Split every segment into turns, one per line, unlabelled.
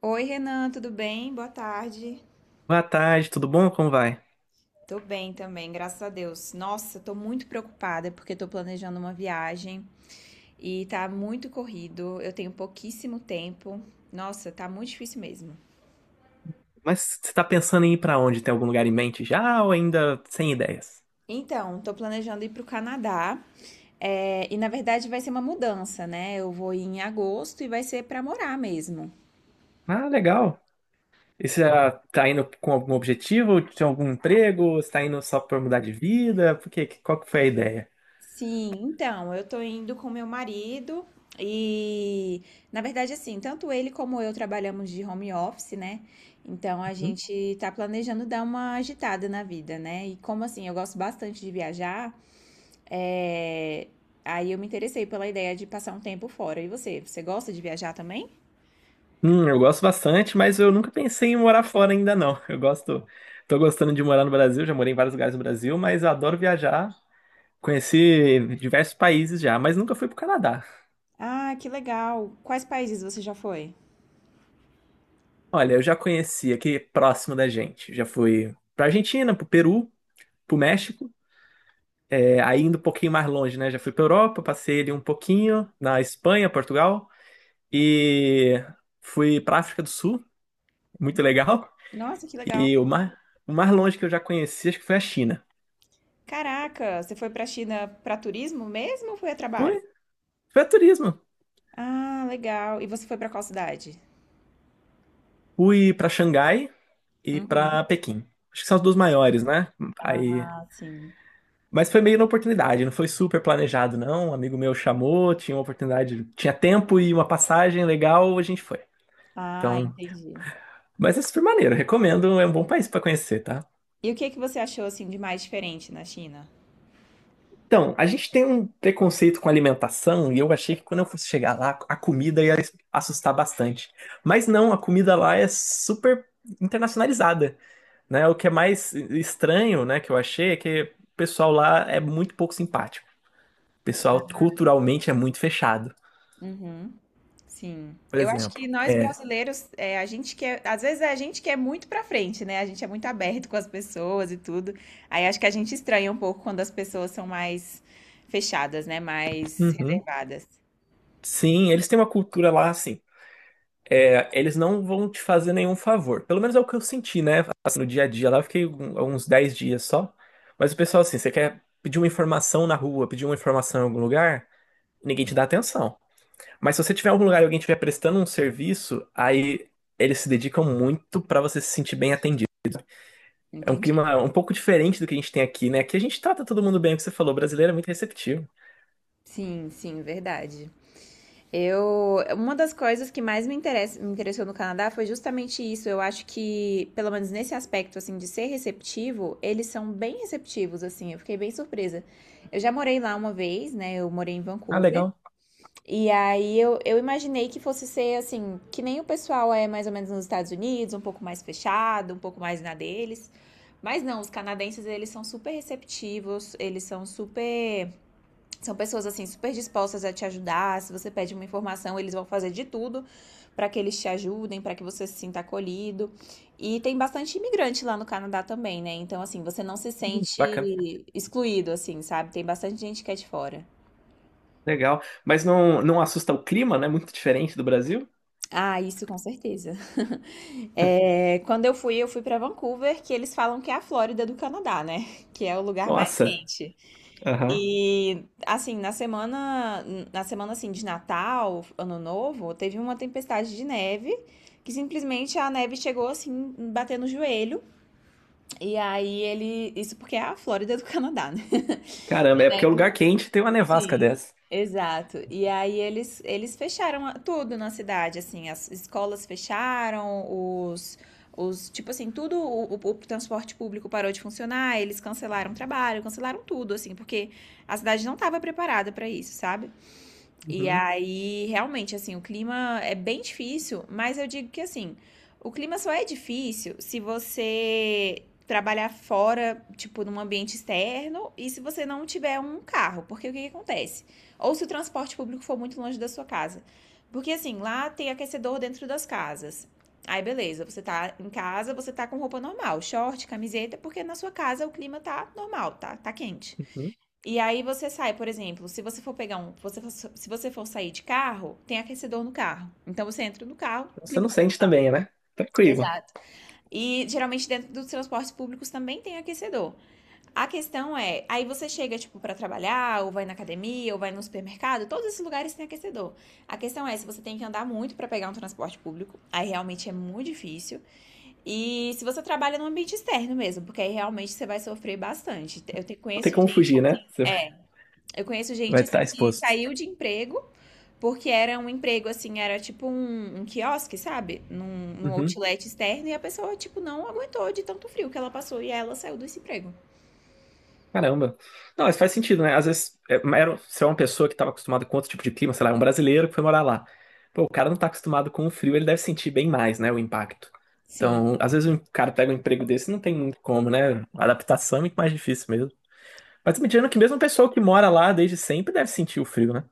Oi, Renan, tudo bem? Boa tarde.
Boa tarde, tudo bom? Como vai?
Tô bem também, graças a Deus. Nossa, tô muito preocupada porque tô planejando uma viagem e tá muito corrido. Eu tenho pouquíssimo tempo. Nossa, tá muito difícil mesmo.
Mas você tá pensando em ir pra onde? Tem algum lugar em mente já ou ainda sem ideias?
Então, tô planejando ir pro Canadá. E na verdade vai ser uma mudança, né? Eu vou ir em agosto e vai ser pra morar mesmo.
Ah, legal. E você já tá indo com algum objetivo? Tem algum emprego? Você tá indo só pra mudar de vida? Por quê? Qual que foi a ideia?
Sim, então, eu tô indo com meu marido e, na verdade, assim, tanto ele como eu trabalhamos de home office, né? Então a gente tá planejando dar uma agitada na vida, né? E como assim, eu gosto bastante de viajar, é, aí eu me interessei pela ideia de passar um tempo fora. E você gosta de viajar também?
Eu gosto bastante, mas eu nunca pensei em morar fora ainda não. Eu gosto, tô gostando de morar no Brasil, já morei em vários lugares no Brasil, mas eu adoro viajar. Conheci diversos países já, mas nunca fui pro Canadá.
Ah, que legal! Quais países você já foi?
Olha, eu já conheci aqui próximo da gente. Já fui pra Argentina, pro Peru, pro México. É, aí indo um pouquinho mais longe, né? Já fui pra Europa, passei ali um pouquinho na Espanha, Portugal. E fui pra África do Sul, muito legal.
Nossa, que legal!
E o mais longe que eu já conheci, acho que foi a China.
Caraca, você foi pra China pra turismo mesmo ou foi a
Foi,
trabalho?
foi a turismo.
Ah, legal! E você foi pra qual cidade?
Fui pra Xangai e pra
Uhum.
Pequim. Acho que são as duas maiores, né? Aí
Ah, sim.
Mas foi meio na oportunidade, não foi super planejado, não. Um amigo meu chamou, tinha uma oportunidade, tinha tempo e uma passagem legal, a gente foi.
Ah,
Então,
entendi.
mas é super maneiro, recomendo, é um bom país pra conhecer, tá?
E o que que você achou assim de mais diferente na China?
Então, a gente tem um preconceito com alimentação e eu achei que quando eu fosse chegar lá, a comida ia assustar bastante. Mas não, a comida lá é super internacionalizada, né? O que é mais estranho, né, que eu achei é que o pessoal lá é muito pouco simpático. O pessoal culturalmente é muito fechado.
Uhum. Sim.
Por
Eu acho que
exemplo,
nós
é,
brasileiros, a gente quer, às vezes é a gente que é muito pra frente, né? A gente é muito aberto com as pessoas e tudo. Aí acho que a gente estranha um pouco quando as pessoas são mais fechadas, né? Mais
Uhum.
reservadas.
Sim, eles têm uma cultura lá assim. Eles não vão te fazer nenhum favor. Pelo menos é o que eu senti, né? Assim, no dia a dia lá, uns 10 dias só. Mas o pessoal, assim, você quer pedir uma informação na rua, pedir uma informação em algum lugar, ninguém te dá atenção. Mas se você tiver em algum lugar e alguém estiver prestando um serviço, aí eles se dedicam muito pra você se sentir bem atendido. É um
Entendi.
clima um pouco diferente do que a gente tem aqui, né? Aqui a gente trata todo mundo bem, é o que você falou, o brasileiro é muito receptivo.
Sim, sim, verdade. Uma das coisas que mais me interessou no Canadá foi justamente isso. Eu acho que, pelo menos nesse aspecto, assim, de ser receptivo, eles são bem receptivos, assim. Eu fiquei bem surpresa. Eu já morei lá uma vez, né? Eu morei em
Ah,
Vancouver.
legal,
E aí eu imaginei que fosse ser, assim, que nem o pessoal é mais ou menos nos Estados Unidos, um pouco mais fechado, um pouco mais na deles. Mas não, os canadenses, eles são super receptivos, eles são super são pessoas assim super dispostas a te ajudar. Se você pede uma informação, eles vão fazer de tudo para que eles te ajudem, para que você se sinta acolhido. E tem bastante imigrante lá no Canadá também, né? Então assim, você não se
bacana.
sente excluído assim, sabe? Tem bastante gente que é de fora.
Legal. Mas não, não assusta o clima, né? Muito diferente do Brasil.
Ah, isso com certeza. É, quando eu fui para Vancouver, que eles falam que é a Flórida do Canadá, né? Que é o lugar mais
Nossa.
quente.
Aham.
E assim, na semana assim de Natal, Ano Novo, teve uma tempestade de neve que simplesmente a neve chegou assim, batendo no joelho. E aí isso porque é a Flórida do Canadá, né?
Caramba, é porque é um lugar quente e tem uma nevasca
Sim.
dessa.
Exato. E aí eles fecharam tudo na cidade, assim, as escolas fecharam, os tipo assim, tudo, o transporte público parou de funcionar, eles cancelaram o trabalho, cancelaram tudo, assim, porque a cidade não estava preparada para isso, sabe? E
Uhum,
aí, realmente, assim, o clima é bem difícil, mas eu digo que assim, o clima só é difícil se você trabalhar fora, tipo, num ambiente externo, e se você não tiver um carro, porque o que, que acontece? Ou se o transporte público for muito longe da sua casa. Porque assim, lá tem aquecedor dentro das casas. Aí beleza, você tá em casa, você tá com roupa normal, short, camiseta, porque na sua casa o clima tá normal, tá, tá quente.
uhum.
E aí você sai, por exemplo, se você for pegar um, você for- se você for sair de carro, tem aquecedor no carro. Então você entra no carro,
Então você não
climatiza.
sente também, né? Tranquilo.
Exato. E geralmente dentro dos transportes públicos também tem aquecedor. A questão é, aí você chega tipo pra trabalhar, ou vai na academia, ou vai no supermercado, todos esses lugares têm aquecedor. A questão é se você tem que andar muito pra pegar um transporte público, aí realmente é muito difícil. E se você trabalha no ambiente externo mesmo, porque aí realmente você vai sofrer bastante.
Não tem
Conheço
como
gente
fugir, né?
assim.
Você vai
Eu conheço gente
vai estar
assim que
exposto.
saiu de emprego porque era um emprego assim, era tipo um quiosque, sabe? Num
Uhum.
outlet externo e a pessoa tipo não aguentou de tanto frio que ela passou e ela saiu desse emprego.
Caramba. Não, mas faz sentido, né? Às vezes, se é uma pessoa que estava acostumada com outro tipo de clima, sei lá, é um brasileiro que foi morar lá. Pô, o cara não tá acostumado com o frio, ele deve sentir bem mais, né? O impacto.
Sim.
Então, às vezes o cara pega um emprego desse e não tem muito como, né? A adaptação é muito mais difícil mesmo. Mas me tirando que mesmo o pessoal que mora lá desde sempre deve sentir o frio, né?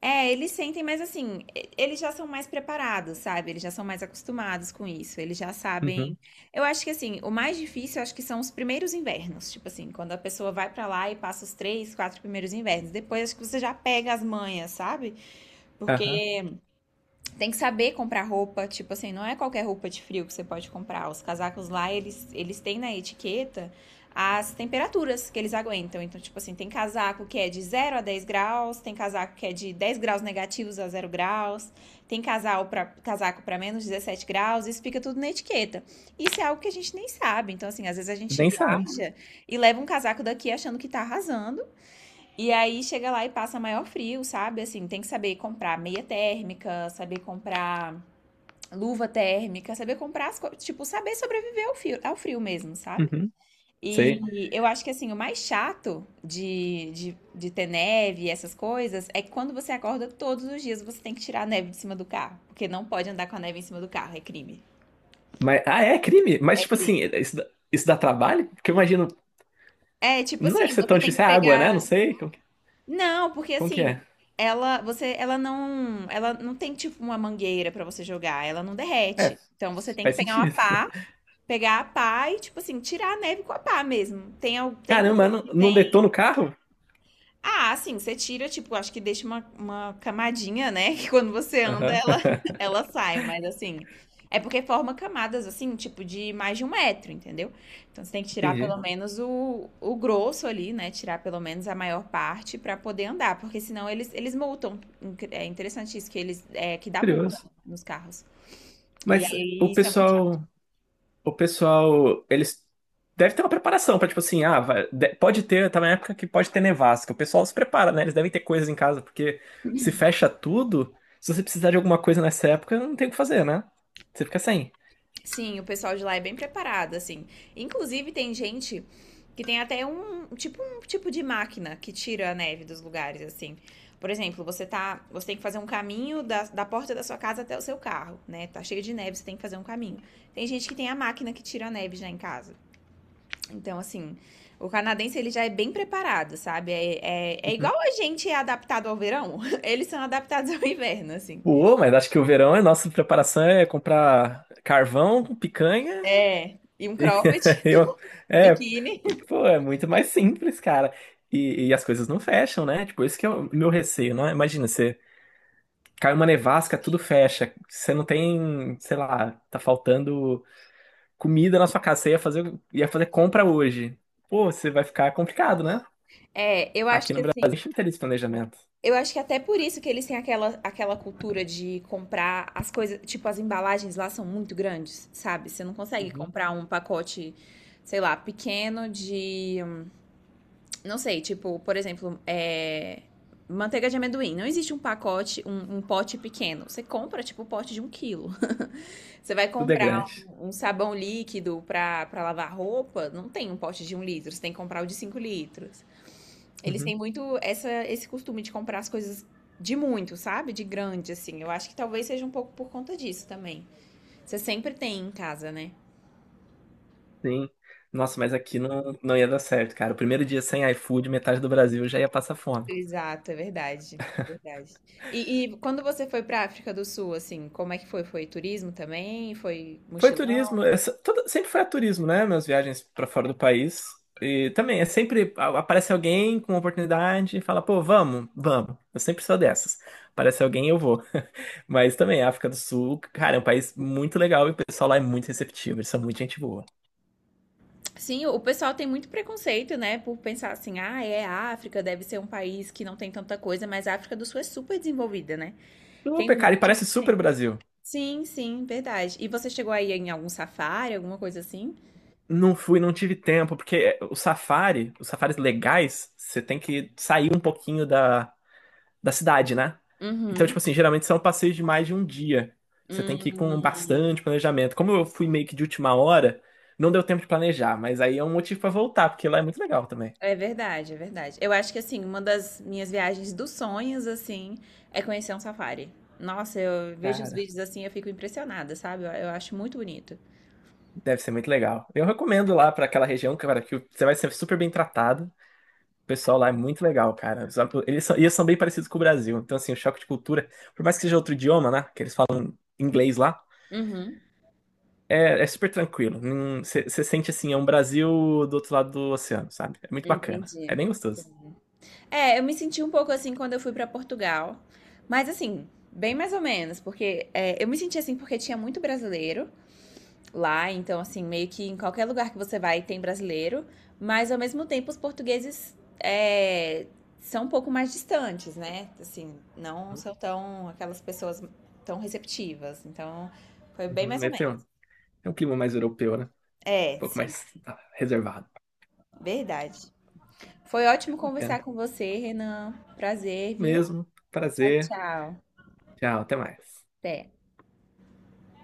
É, eles sentem, mas assim, eles já são mais preparados, sabe? Eles já são mais acostumados com isso. Eles já
Uhum.
sabem. Eu acho que assim, o mais difícil, eu acho que são os primeiros invernos. Tipo assim, quando a pessoa vai pra lá e passa os três, quatro primeiros invernos. Depois acho que você já pega as manhas, sabe?
Aham.
Porque Tem que saber comprar roupa, tipo assim, não é qualquer roupa de frio que você pode comprar. Os casacos lá, eles têm na etiqueta as temperaturas que eles aguentam. Então, tipo assim, tem casaco que é de 0 a 10 graus, tem casaco que é de -10 graus a 0 graus, tem casaco para -17 graus, isso fica tudo na etiqueta. Isso é algo que a gente nem sabe. Então, assim, às vezes a gente
Nem sabe.
viaja e leva um casaco daqui achando que tá arrasando, e aí chega lá e passa maior frio, sabe? Assim, tem que saber comprar meia térmica, saber comprar luva térmica, saber comprar as coisas, tipo, saber sobreviver ao frio mesmo, sabe?
Uhum. Sei.
E eu acho que assim, o mais chato de ter neve e essas coisas é que quando você acorda todos os dias você tem que tirar a neve de cima do carro, porque não pode andar com a neve em cima do carro, é crime.
Mas, ah, é crime? Mas,
É
tipo assim,
crime.
isso dá trabalho? Porque eu imagino.
É, tipo
Não deve
assim,
ser
você
tão
tem que
difícil. É água, né? Não
pegar.
sei.
Não, porque
Como que
assim,
é?
ela não tem tipo uma mangueira pra você jogar, ela não
É,
derrete. Então você tem que
faz
pegar uma
sentido.
pá, pegar a pá e tipo assim, tirar a neve com a pá mesmo. Tem
Caramba,
pessoas
não,
que
não
têm.
detona o carro?
Ah, sim, você tira, tipo, acho que deixa uma camadinha, né? Que quando você anda,
Aham.
ela, ela sai, mas assim. É porque forma camadas, assim, tipo, de mais de 1 metro, entendeu? Então você tem que tirar pelo
Entendi.
menos o grosso ali, né? Tirar pelo menos a maior parte pra poder andar, porque senão eles multam. É interessante isso, que dá multa
Curioso.
nos carros. E
Mas o
aí isso é muito
pessoal, o pessoal, eles deve ter uma preparação para tipo assim, pode ter, tá na época que pode ter nevasca. O pessoal se prepara, né? Eles devem ter coisas em casa, porque se fecha tudo, se você precisar de alguma coisa nessa época, não tem o que fazer, né? Você fica sem.
Sim, o pessoal de lá é bem preparado, assim. Inclusive, tem gente que tem até um tipo, de máquina que tira a neve dos lugares, assim. Por exemplo, você tem que fazer um caminho da porta da sua casa até o seu carro, né? Tá cheio de neve, você tem que fazer um caminho. Tem gente que tem a máquina que tira a neve já em casa. Então, assim, o canadense ele já é bem preparado, sabe? É igual
Uhum.
a gente é adaptado ao verão. Eles são adaptados ao inverno, assim.
Pô, mas acho que o verão é nossa preparação é comprar carvão, picanha.
É, e um
E
cropped,
Eu,
um
é,
biquíni.
pô, é muito mais simples, cara. E as coisas não fecham, né? Tipo, esse que é o meu receio, né? Imagina, você cai uma nevasca, tudo fecha. Você não tem, sei lá, tá faltando comida na sua casa. Ia fazer compra hoje. Pô, você vai ficar complicado, né?
É, eu acho
Aqui
que
no Brasil a
assim,
gente não tem esse planejamento.
Eu acho que até por isso que eles têm aquela cultura de comprar as coisas. Tipo, as embalagens lá são muito grandes, sabe? Você não consegue
Uhum.
comprar um pacote, sei lá, pequeno de. Não sei, tipo, por exemplo, manteiga de amendoim. Não existe um pote pequeno. Você compra, tipo, o pote de 1 quilo. Você vai
Tudo é
comprar
grande.
um sabão líquido pra lavar roupa, não tem um pote de 1 litro. Você tem que comprar o de 5 litros. Eles
Uhum.
têm muito esse costume de comprar as coisas de muito, sabe? De grande, assim. Eu acho que talvez seja um pouco por conta disso também. Você sempre tem em casa, né?
Sim. Nossa, mas aqui não, não ia dar certo, cara. O primeiro dia sem iFood, metade do Brasil já ia passar fome.
Exato, é verdade. É verdade. E quando você foi pra África do Sul, assim, como é que foi? Foi turismo também? Foi
Foi turismo,
mochilão?
essa- toda- sempre foi a turismo, né? Minhas viagens pra fora do país. E também, aparece alguém com uma oportunidade e fala, pô, vamos, vamos. Eu sempre sou dessas. Aparece alguém, eu vou. Mas também, África do Sul, cara, é um país muito legal e o pessoal lá é muito receptivo, eles são muito gente boa.
Sim, o pessoal tem muito preconceito, né? Por pensar assim, ah, é África, deve ser um país que não tem tanta coisa, mas a África do Sul é super desenvolvida, né? Tem
Super,
um
cara, e
monte
parece super Brasil.
Sim, sim, verdade. E você chegou aí em algum safári, alguma coisa assim?
Não fui, não tive tempo, porque o safari, os safaris legais, você tem que sair um pouquinho da cidade, né? Então,
Uhum.
tipo assim, geralmente são passeios de mais de um dia. Você tem que ir com
Hum,
bastante planejamento. Como eu fui meio que de última hora, não deu tempo de planejar, mas aí é um motivo pra voltar, porque lá é muito legal também.
é verdade, é verdade. Eu acho que assim, uma das minhas viagens dos sonhos, assim, é conhecer um safári. Nossa, eu vejo os
Cara,
vídeos assim, eu fico impressionada, sabe? Eu acho muito bonito.
deve ser muito legal. Eu recomendo lá pra aquela região, cara, que você vai ser super bem tratado. O pessoal lá é muito legal, cara. Eles são bem parecidos com o Brasil. Então, assim, o choque de cultura, por mais que seja outro idioma, né? Que eles falam inglês lá.
Uhum,
É, é super tranquilo. Você sente assim, é um Brasil do outro lado do oceano, sabe? É muito bacana. É
entendi.
bem gostoso.
É, eu me senti um pouco assim quando eu fui pra Portugal, mas assim, bem mais ou menos, porque eu me senti assim porque tinha muito brasileiro. Lá, então assim, meio que em qualquer lugar que você vai tem brasileiro, mas ao mesmo tempo os portugueses é, são um pouco mais distantes, né? Assim, não
Uhum,
são tão aquelas pessoas tão receptivas. Então, foi bem
uhum.
mais ou menos.
Tem um clima mais europeu, né? Um
É,
pouco
sim,
mais, reservado.
verdade. Foi ótimo
Bacana.
conversar com você, Renan. Prazer, viu?
Mesmo.
Tchau,
Prazer.
tchau.
Tchau, até mais.
Até.